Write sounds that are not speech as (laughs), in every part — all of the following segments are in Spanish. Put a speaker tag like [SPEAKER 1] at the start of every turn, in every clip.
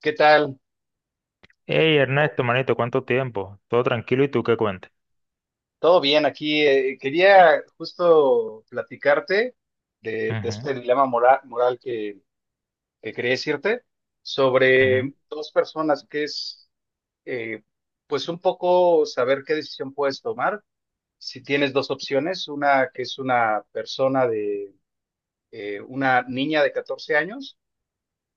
[SPEAKER 1] ¿Qué tal?
[SPEAKER 2] Hey Ernesto, manito, ¿cuánto tiempo? Todo tranquilo y tú qué cuentes.
[SPEAKER 1] Todo bien aquí. Quería justo platicarte de
[SPEAKER 2] Ujú,
[SPEAKER 1] este dilema moral que quería decirte
[SPEAKER 2] ujú,
[SPEAKER 1] sobre dos personas que es, eh, pues un poco saber qué decisión puedes tomar. Si tienes dos opciones, una que es una persona de, una niña de 14 años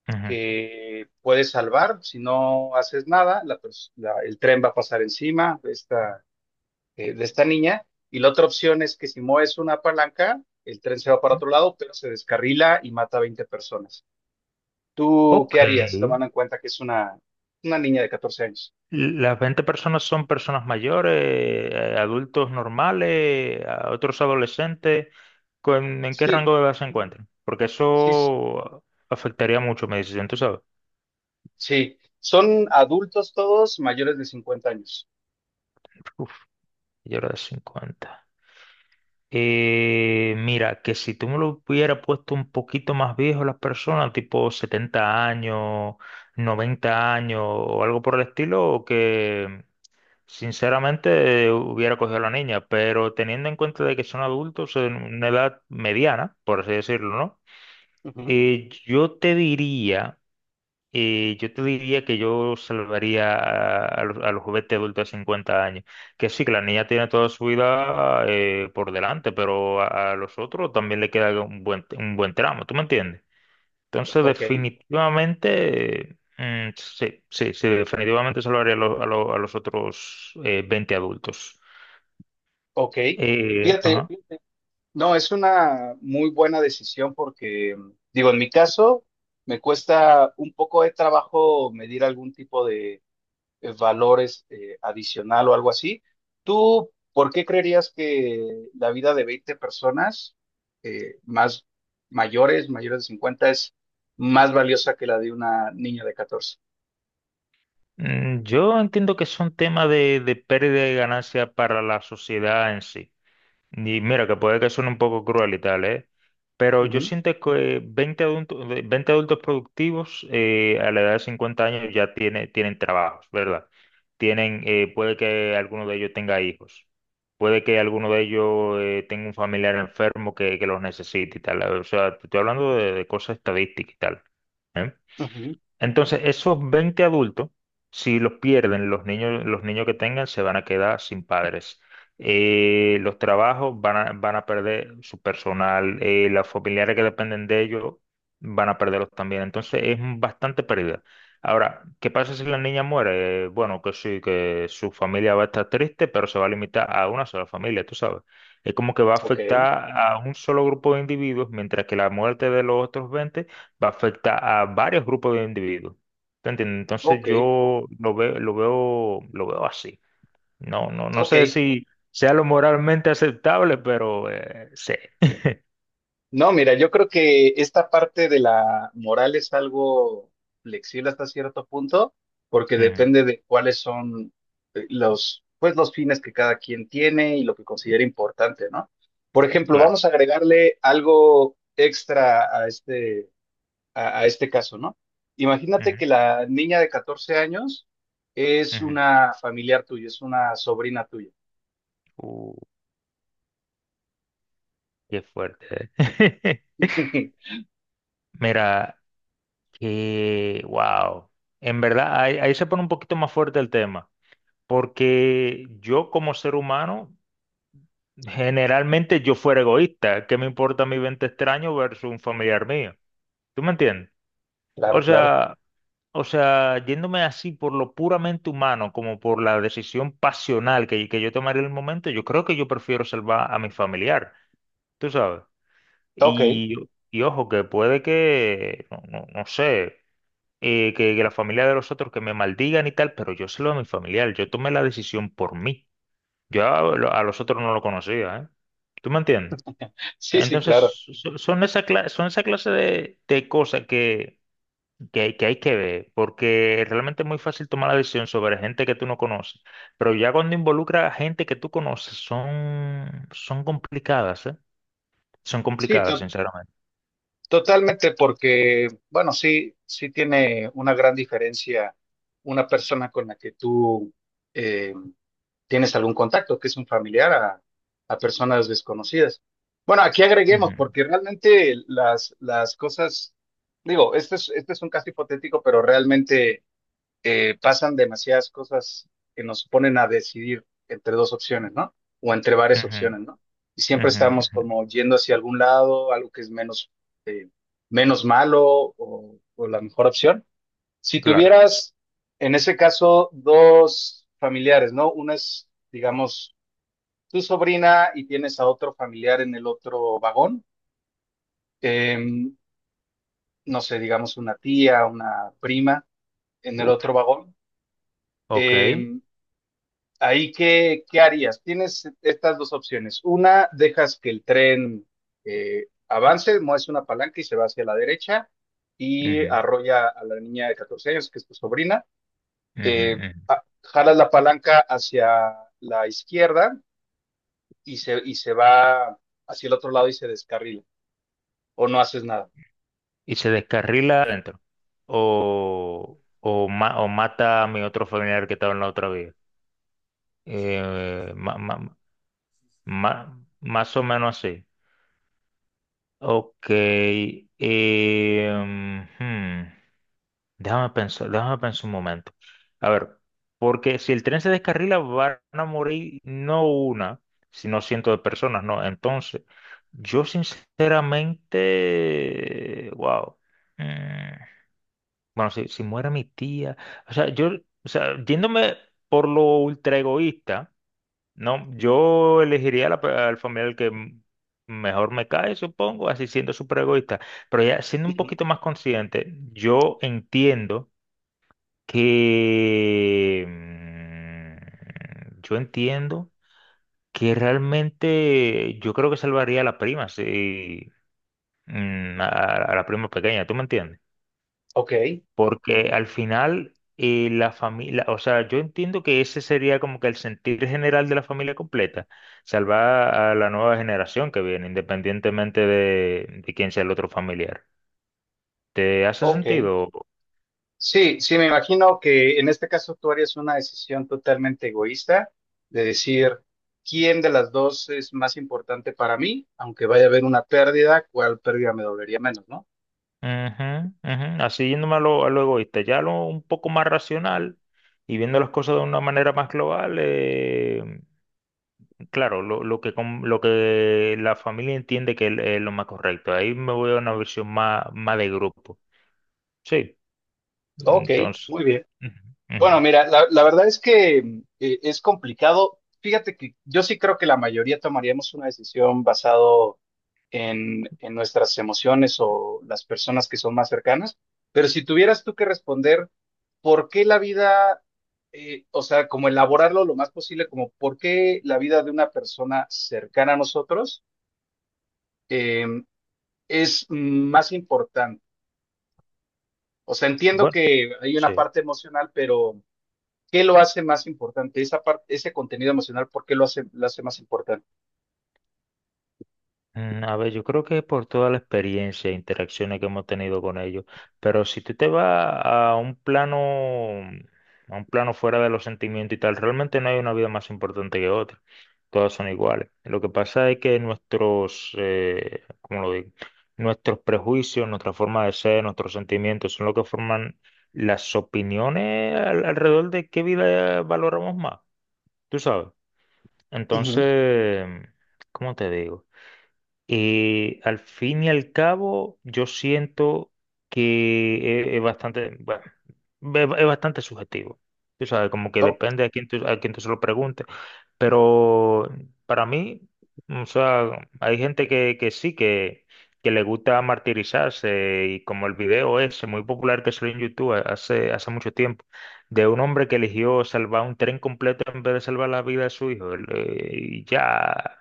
[SPEAKER 2] ujú.
[SPEAKER 1] que puedes salvar. Si no haces nada, el tren va a pasar encima, de esta niña. Y la otra opción es que si mueves una palanca, el tren se va para otro lado, pero se descarrila y mata a 20 personas. ¿Tú
[SPEAKER 2] Ok.
[SPEAKER 1] qué harías, tomando en cuenta que es una niña de 14 años?
[SPEAKER 2] Las 20 personas son personas mayores, adultos normales, a otros adolescentes. ¿En qué
[SPEAKER 1] Sí,
[SPEAKER 2] rango de edad se encuentran? Porque
[SPEAKER 1] sí,
[SPEAKER 2] eso afectaría mucho mi decisión, tú sabes.
[SPEAKER 1] sí. Son adultos todos mayores de 50 años.
[SPEAKER 2] Uf, yo era de 50. Mira, que si tú me lo hubieras puesto un poquito más viejo las personas, tipo 70 años, 90 años o algo por el estilo, que sinceramente hubiera cogido a la niña, pero teniendo en cuenta de que son adultos en una edad mediana, por así decirlo, ¿no?
[SPEAKER 1] Ujú.
[SPEAKER 2] Yo te diría... Y yo te diría que yo salvaría a los juguetes adultos de 50 años. Que sí, que la niña tiene toda su vida por delante, pero a los otros también le queda un buen tramo, ¿tú me entiendes? Entonces,
[SPEAKER 1] Ok,
[SPEAKER 2] definitivamente, sí, sí, sí, definitivamente salvaría a los otros 20 adultos.
[SPEAKER 1] ok.
[SPEAKER 2] Ajá.
[SPEAKER 1] Fíjate, no, es una muy buena decisión porque, digo, en mi caso, me cuesta un poco de trabajo medir algún tipo de, valores, adicional o algo así. ¿Tú por qué creerías que la vida de 20 personas, más mayores de 50, es más valiosa que la de una niña de 14?
[SPEAKER 2] Yo entiendo que son temas de pérdida de ganancia para la sociedad en sí. Y mira, que puede que suene un poco cruel y tal, ¿eh? Pero yo
[SPEAKER 1] Ujú,
[SPEAKER 2] siento que 20 adultos, 20 adultos productivos a la edad de 50 años tienen trabajos, ¿verdad? Tienen, puede que alguno de ellos tenga hijos, puede que alguno de ellos tenga un familiar enfermo que los necesite y tal. O sea, te estoy hablando de cosas estadísticas y tal. ¿Eh?
[SPEAKER 1] ujú.
[SPEAKER 2] Entonces, esos 20 adultos, si los pierden, los niños que tengan se van a quedar sin padres. Los trabajos van a perder su personal, las familiares que dependen de ellos van a perderlos también. Entonces, es bastante pérdida. Ahora, ¿qué pasa si la niña muere? Bueno, que sí, que su familia va a estar triste, pero se va a limitar a una sola familia, tú sabes. Es como que va a
[SPEAKER 1] Ok,
[SPEAKER 2] afectar a un solo grupo de individuos, mientras que la muerte de los otros 20 va a afectar a varios grupos de individuos. ¿Te entiendes? Entonces
[SPEAKER 1] ok,
[SPEAKER 2] yo lo veo así. No, no, no
[SPEAKER 1] ok.
[SPEAKER 2] sé si sea lo moralmente aceptable, pero sí.
[SPEAKER 1] No, mira, yo creo que esta parte de la moral es algo flexible hasta cierto punto, porque
[SPEAKER 2] Ujú,
[SPEAKER 1] depende de cuáles son, pues, los fines que cada quien tiene y lo que considera importante, ¿no? Por ejemplo,
[SPEAKER 2] claro.
[SPEAKER 1] vamos a agregarle algo extra a este, a este caso, ¿no? Imagínate
[SPEAKER 2] Ujú,
[SPEAKER 1] que la niña de 14 años es
[SPEAKER 2] ujú.
[SPEAKER 1] una familiar tuya, es una sobrina tuya.
[SPEAKER 2] Uh, qué fuerte. ¿Eh?
[SPEAKER 1] (laughs)
[SPEAKER 2] (laughs) Mira, que wow. En verdad, ahí, ahí se pone un poquito más fuerte el tema, porque yo como ser humano, generalmente yo fuera egoísta. ¿Qué me importa mi 20 extraño versus un familiar mío? ¿Tú me entiendes? O
[SPEAKER 1] Claro, claro.
[SPEAKER 2] sea, o sea, yéndome así por lo puramente humano, como por la decisión pasional que yo tomaré en el momento, yo creo que yo prefiero salvar a mi familiar, tú sabes.
[SPEAKER 1] Ok.
[SPEAKER 2] Y, y ojo, que puede que, no, no sé, que la familia de los otros que me maldigan y tal, pero yo salvo a mi familiar, yo tomé la decisión por mí. Yo a los otros no lo conocía, ¿eh? ¿Tú me entiendes?
[SPEAKER 1] Sí, sí,
[SPEAKER 2] Entonces,
[SPEAKER 1] claro.
[SPEAKER 2] son esa clase de cosas que hay que ver, porque realmente es muy fácil tomar la decisión sobre gente que tú no conoces, pero ya cuando involucra a gente que tú conoces, son complicadas, ¿eh? Son
[SPEAKER 1] Sí,
[SPEAKER 2] complicadas,
[SPEAKER 1] to-
[SPEAKER 2] sinceramente.
[SPEAKER 1] Totalmente, porque, bueno, sí, sí tiene una gran diferencia una persona con la que tú, eh, tienes algún contacto, que es un familiar, a personas desconocidas. Bueno, aquí agreguemos,
[SPEAKER 2] Ujú,
[SPEAKER 1] porque realmente las cosas, digo, este es un caso hipotético, pero realmente, pasan demasiadas cosas que nos ponen a decidir entre dos opciones, ¿no? O entre varias
[SPEAKER 2] ujú,
[SPEAKER 1] opciones, ¿no? Y siempre
[SPEAKER 2] ujú,
[SPEAKER 1] estamos
[SPEAKER 2] ujú.
[SPEAKER 1] como yendo hacia algún lado, algo que es menos, eh, menos malo, o la mejor opción. Si
[SPEAKER 2] Claro.
[SPEAKER 1] tuvieras, en ese caso, dos familiares, ¿no? Una es, digamos, tu sobrina, y tienes a otro familiar en el otro vagón. em, no sé, digamos una tía, una prima en el otro
[SPEAKER 2] Uf,
[SPEAKER 1] vagón.
[SPEAKER 2] ok.
[SPEAKER 1] em, ¿Ahí qué harías? Tienes estas dos opciones. Una, dejas que el tren, avance, mueves una palanca y se va hacia la derecha y
[SPEAKER 2] Ujú,
[SPEAKER 1] arrolla a la niña de 14 años, que es tu sobrina.
[SPEAKER 2] ujú,
[SPEAKER 1] Eh,
[SPEAKER 2] ujú.
[SPEAKER 1] Jalas la palanca hacia la izquierda y y se va hacia el otro lado y se descarrila. O no haces nada.
[SPEAKER 2] Y se descarrila adentro. O mata a mi otro familiar que estaba en la otra vida. Eh, ma- ma- más o menos así. Ok, em, hmm, déjame pensar un momento. A ver, porque si el tren se descarrila van a morir no una, sino cientos de personas, ¿no? Entonces, yo sinceramente, wow. mm, bueno, si muere mi tía, o sea, yo, o sea, yéndome por lo ultra egoísta. No, yo elegiría al familiar que mejor me cae, supongo, así siendo súper egoísta. Pero ya siendo un
[SPEAKER 1] Ujú.
[SPEAKER 2] poquito más consciente, yo entiendo que... Yo entiendo que realmente yo creo que salvaría a la prima, sí, mm, a, a la prima pequeña, ¿tú me entiendes?
[SPEAKER 1] Ok,
[SPEAKER 2] Porque al final la familia, o sea, yo entiendo que ese sería como que el sentir general de la familia completa, salvar a la nueva generación que viene, independientemente de quién sea el otro familiar. ¿Te hace
[SPEAKER 1] ok.
[SPEAKER 2] sentido? Ujú,
[SPEAKER 1] Sí, sí, me imagino que en este caso tú harías una decisión totalmente egoísta, de decir quién de las dos es más importante para mí, aunque vaya a haber una pérdida, cuál pérdida me dolería menos, ¿no?
[SPEAKER 2] ujú. Así yéndome a lo egoísta, ya lo un poco más racional y viendo las cosas de una manera más global, claro, lo que la familia entiende que es lo más correcto. Ahí me voy a una versión más, más de grupo. Sí.
[SPEAKER 1] Ok,
[SPEAKER 2] Entonces,
[SPEAKER 1] muy bien.
[SPEAKER 2] ujú,
[SPEAKER 1] Bueno,
[SPEAKER 2] ujú.
[SPEAKER 1] mira, la verdad es que, es complicado. Fíjate que yo sí creo que la mayoría tomaríamos una decisión basado en nuestras emociones o las personas que son más cercanas, pero si tuvieras tú que responder, ¿por qué la vida, o sea, como elaborarlo lo más posible, como por qué la vida de una persona cercana a nosotros, eh, es más importante? O sea, entiendo
[SPEAKER 2] Bueno,
[SPEAKER 1] que hay una
[SPEAKER 2] sí.
[SPEAKER 1] parte emocional, pero ¿qué lo hace más importante? Esa parte, ese contenido emocional, ¿por qué lo hace más importante?
[SPEAKER 2] A ver, yo creo que por toda la experiencia e interacciones que hemos tenido con ellos, pero si tú te vas a un plano fuera de los sentimientos y tal, realmente no hay una vida más importante que otra. Todas son iguales. Lo que pasa es que nuestros, ¿cómo lo digo? Nuestros prejuicios, nuestra forma de ser, nuestros sentimientos son lo que forman las opiniones alrededor de qué vida valoramos más. Tú sabes.
[SPEAKER 1] Uh -huh.
[SPEAKER 2] Entonces, ¿cómo te digo? Al fin y al cabo, yo siento que es bastante, bueno, es bastante subjetivo. Tú sabes, como que
[SPEAKER 1] Oh,
[SPEAKER 2] depende a quién tú se lo preguntes. Pero para mí, o sea, hay gente que sí, que le gusta martirizarse y como el video ese muy popular que salió en YouTube hace mucho tiempo, de un hombre que eligió salvar un tren completo en vez de salvar la vida de su hijo. Y ya.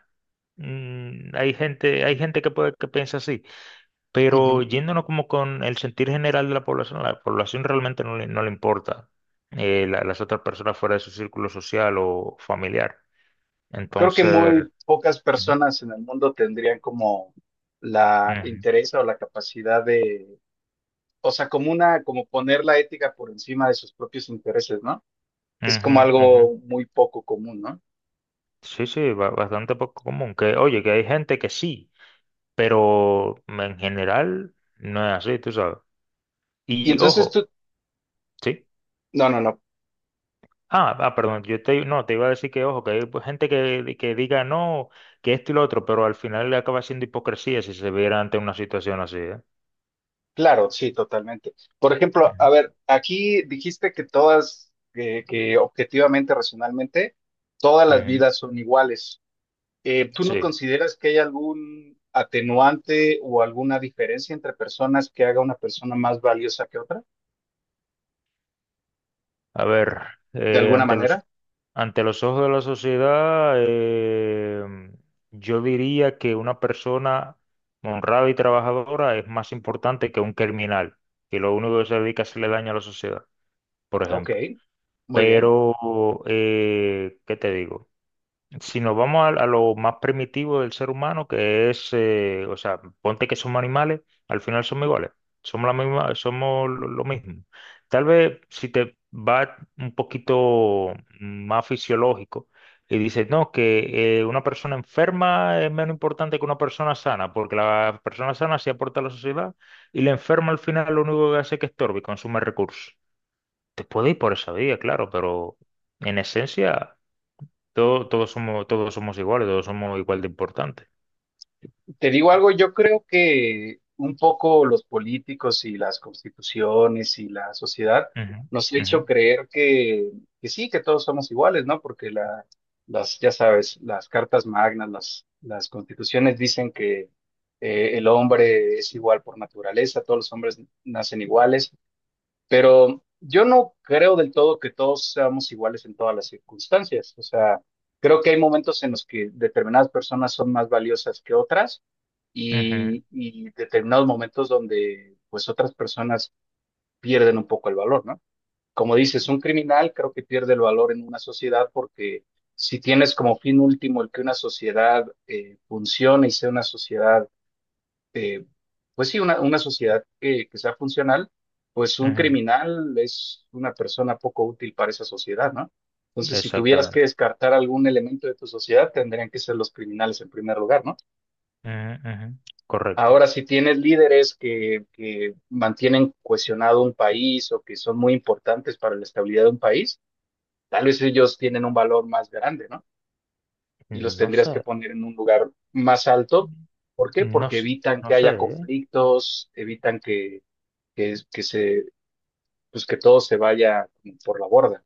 [SPEAKER 2] Hay gente que puede que piensa así,
[SPEAKER 1] Uh
[SPEAKER 2] pero
[SPEAKER 1] -huh.
[SPEAKER 2] yéndonos como con el sentir general de la población realmente no le importa las otras personas fuera de su círculo social o familiar.
[SPEAKER 1] Creo que
[SPEAKER 2] Entonces,
[SPEAKER 1] muy pocas
[SPEAKER 2] ujú,
[SPEAKER 1] personas en el mundo tendrían como la
[SPEAKER 2] ujú,
[SPEAKER 1] interés o la capacidad de, o sea, como una, como poner la ética por encima de sus propios intereses, ¿no? Es
[SPEAKER 2] ujú,
[SPEAKER 1] como
[SPEAKER 2] ujú.
[SPEAKER 1] algo muy poco común, ¿no?
[SPEAKER 2] Sí, sí, bastante poco común. Que, oye, que hay gente que sí, pero en general no es así, tú sabes.
[SPEAKER 1] Y
[SPEAKER 2] Y
[SPEAKER 1] entonces
[SPEAKER 2] ojo,
[SPEAKER 1] tú,
[SPEAKER 2] sí.
[SPEAKER 1] no, no, no,
[SPEAKER 2] Ah, ah, perdón, no, te iba a decir que, ojo, que hay pues, gente que diga no, que esto y lo otro, pero al final le acaba siendo hipocresía si se viera ante una situación así, ¿eh?
[SPEAKER 1] claro, sí, totalmente. Por ejemplo, a
[SPEAKER 2] Ujú,
[SPEAKER 1] ver, aquí dijiste que todas, que objetivamente, racionalmente, todas las
[SPEAKER 2] ujú.
[SPEAKER 1] vidas son iguales. ¿Tú no
[SPEAKER 2] Sí,
[SPEAKER 1] consideras que hay algún atenuante o alguna diferencia entre personas que haga una persona más valiosa que otra?
[SPEAKER 2] a ver,
[SPEAKER 1] ¿De
[SPEAKER 2] eh,
[SPEAKER 1] alguna
[SPEAKER 2] ante los,
[SPEAKER 1] manera?
[SPEAKER 2] ante los ojos de la sociedad, yo diría que una persona honrada y trabajadora es más importante que un criminal, que lo único que se dedica es hacerle daño a la sociedad, por
[SPEAKER 1] Ok,
[SPEAKER 2] ejemplo.
[SPEAKER 1] muy bien.
[SPEAKER 2] Pero, ¿qué te digo? Si nos vamos a lo más primitivo del ser humano, que es, o sea, ponte que somos animales, al final somos iguales, somos la misma, somos lo mismo. Tal vez si te va un poquito más fisiológico y dices, no, que una persona enferma es menos importante que una persona sana, porque la persona sana sí aporta a la sociedad y la enferma al final lo único que hace es que estorbe y consume recursos. Te puede ir por esa vía, claro, pero en esencia... Todos somos iguales, todos somos igual de importantes.
[SPEAKER 1] Te digo algo, yo creo que un poco los políticos y las constituciones y la sociedad
[SPEAKER 2] Ujú,
[SPEAKER 1] nos ha
[SPEAKER 2] ujú,
[SPEAKER 1] hecho creer que, sí, que todos somos iguales, ¿no? Porque las, ya sabes, las cartas magnas, las constituciones dicen que, el hombre es igual por naturaleza, todos los hombres nacen iguales, pero yo no creo del todo que todos seamos iguales en todas las circunstancias. O sea, creo que hay momentos en los que determinadas personas son más valiosas que otras,
[SPEAKER 2] ujú,
[SPEAKER 1] y determinados momentos donde pues otras personas pierden un poco el valor, ¿no? Como dices, un criminal creo que pierde el valor en una sociedad, porque si tienes como fin último el que una sociedad, funcione y sea una sociedad, eh, pues sí, una sociedad que sea funcional, pues un
[SPEAKER 2] ujú,
[SPEAKER 1] criminal es una persona poco útil para esa sociedad, ¿no? Entonces, si tuvieras que
[SPEAKER 2] exactamente.
[SPEAKER 1] descartar algún elemento de tu sociedad, tendrían que ser los criminales en primer lugar, ¿no?
[SPEAKER 2] Ujú, ujú, correcto.
[SPEAKER 1] Ahora, si tienes líderes que mantienen cohesionado un país o que son muy importantes para la estabilidad de un país, tal vez ellos tienen un valor más grande, ¿no? Y los
[SPEAKER 2] No
[SPEAKER 1] tendrías
[SPEAKER 2] sé.
[SPEAKER 1] que poner en un lugar más alto. ¿Por qué?
[SPEAKER 2] No,
[SPEAKER 1] Porque evitan
[SPEAKER 2] no
[SPEAKER 1] que
[SPEAKER 2] sé,
[SPEAKER 1] haya
[SPEAKER 2] ¿eh?
[SPEAKER 1] conflictos, evitan que, que, que se, pues que todo se vaya por la borda.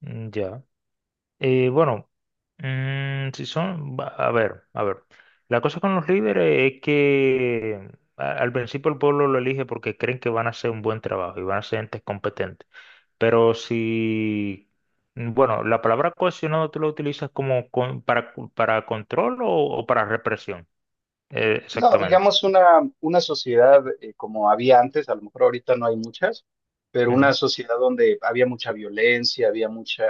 [SPEAKER 2] Mm, ya. Bueno, mm, si son, va- a ver, a ver. La cosa con los líderes es que al principio el pueblo lo elige porque creen que van a hacer un buen trabajo y van a ser entes competentes. Pero si, bueno, la palabra cohesionado tú la utilizas como para control o para represión, Eh,
[SPEAKER 1] No,
[SPEAKER 2] exactamente.
[SPEAKER 1] digamos una sociedad, como había antes, a lo mejor ahorita no hay muchas, pero una
[SPEAKER 2] Ujú.
[SPEAKER 1] sociedad donde había mucha violencia, había mucha,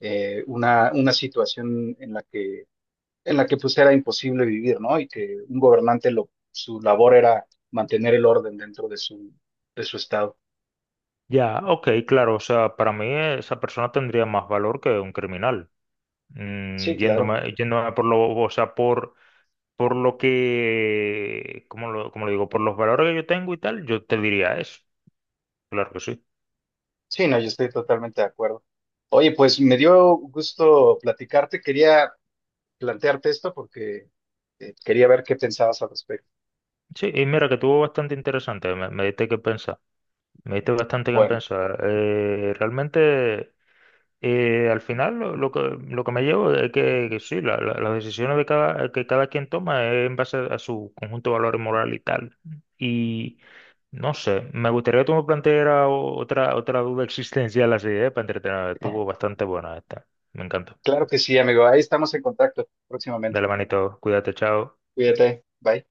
[SPEAKER 1] una situación en la que pues era imposible vivir, ¿no? Y que un gobernante, su labor era mantener el orden dentro de su estado.
[SPEAKER 2] Ya, ok, claro, o sea, para mí esa persona tendría más valor que un criminal,
[SPEAKER 1] Sí,
[SPEAKER 2] Mm,
[SPEAKER 1] claro.
[SPEAKER 2] yéndome, yéndome por lo, o sea, por lo que, ¿cómo lo digo? Por los valores que yo tengo y tal, yo te diría eso, claro que sí.
[SPEAKER 1] Sí, no, yo estoy totalmente de acuerdo. Oye, pues me dio gusto platicarte. Quería plantearte esto porque, quería ver qué pensabas al respecto.
[SPEAKER 2] Sí, y mira que tuvo bastante interesante, me diste que pensar, me diste bastante que
[SPEAKER 1] Bueno,
[SPEAKER 2] pensar. Realmente... Y al final lo que me llevo es que sí, las decisiones de que cada quien toma es en base a su conjunto de valores moral y tal. Y no sé, me gustaría que tú me plantearas otra duda (laughs) existencial así, ¿eh? Para entretener. Estuvo bastante buena esta. Me encantó.
[SPEAKER 1] claro que sí, amigo. Ahí estamos en contacto próximamente.
[SPEAKER 2] Dale manito, cuídate, chao.
[SPEAKER 1] Cuídate. Bye.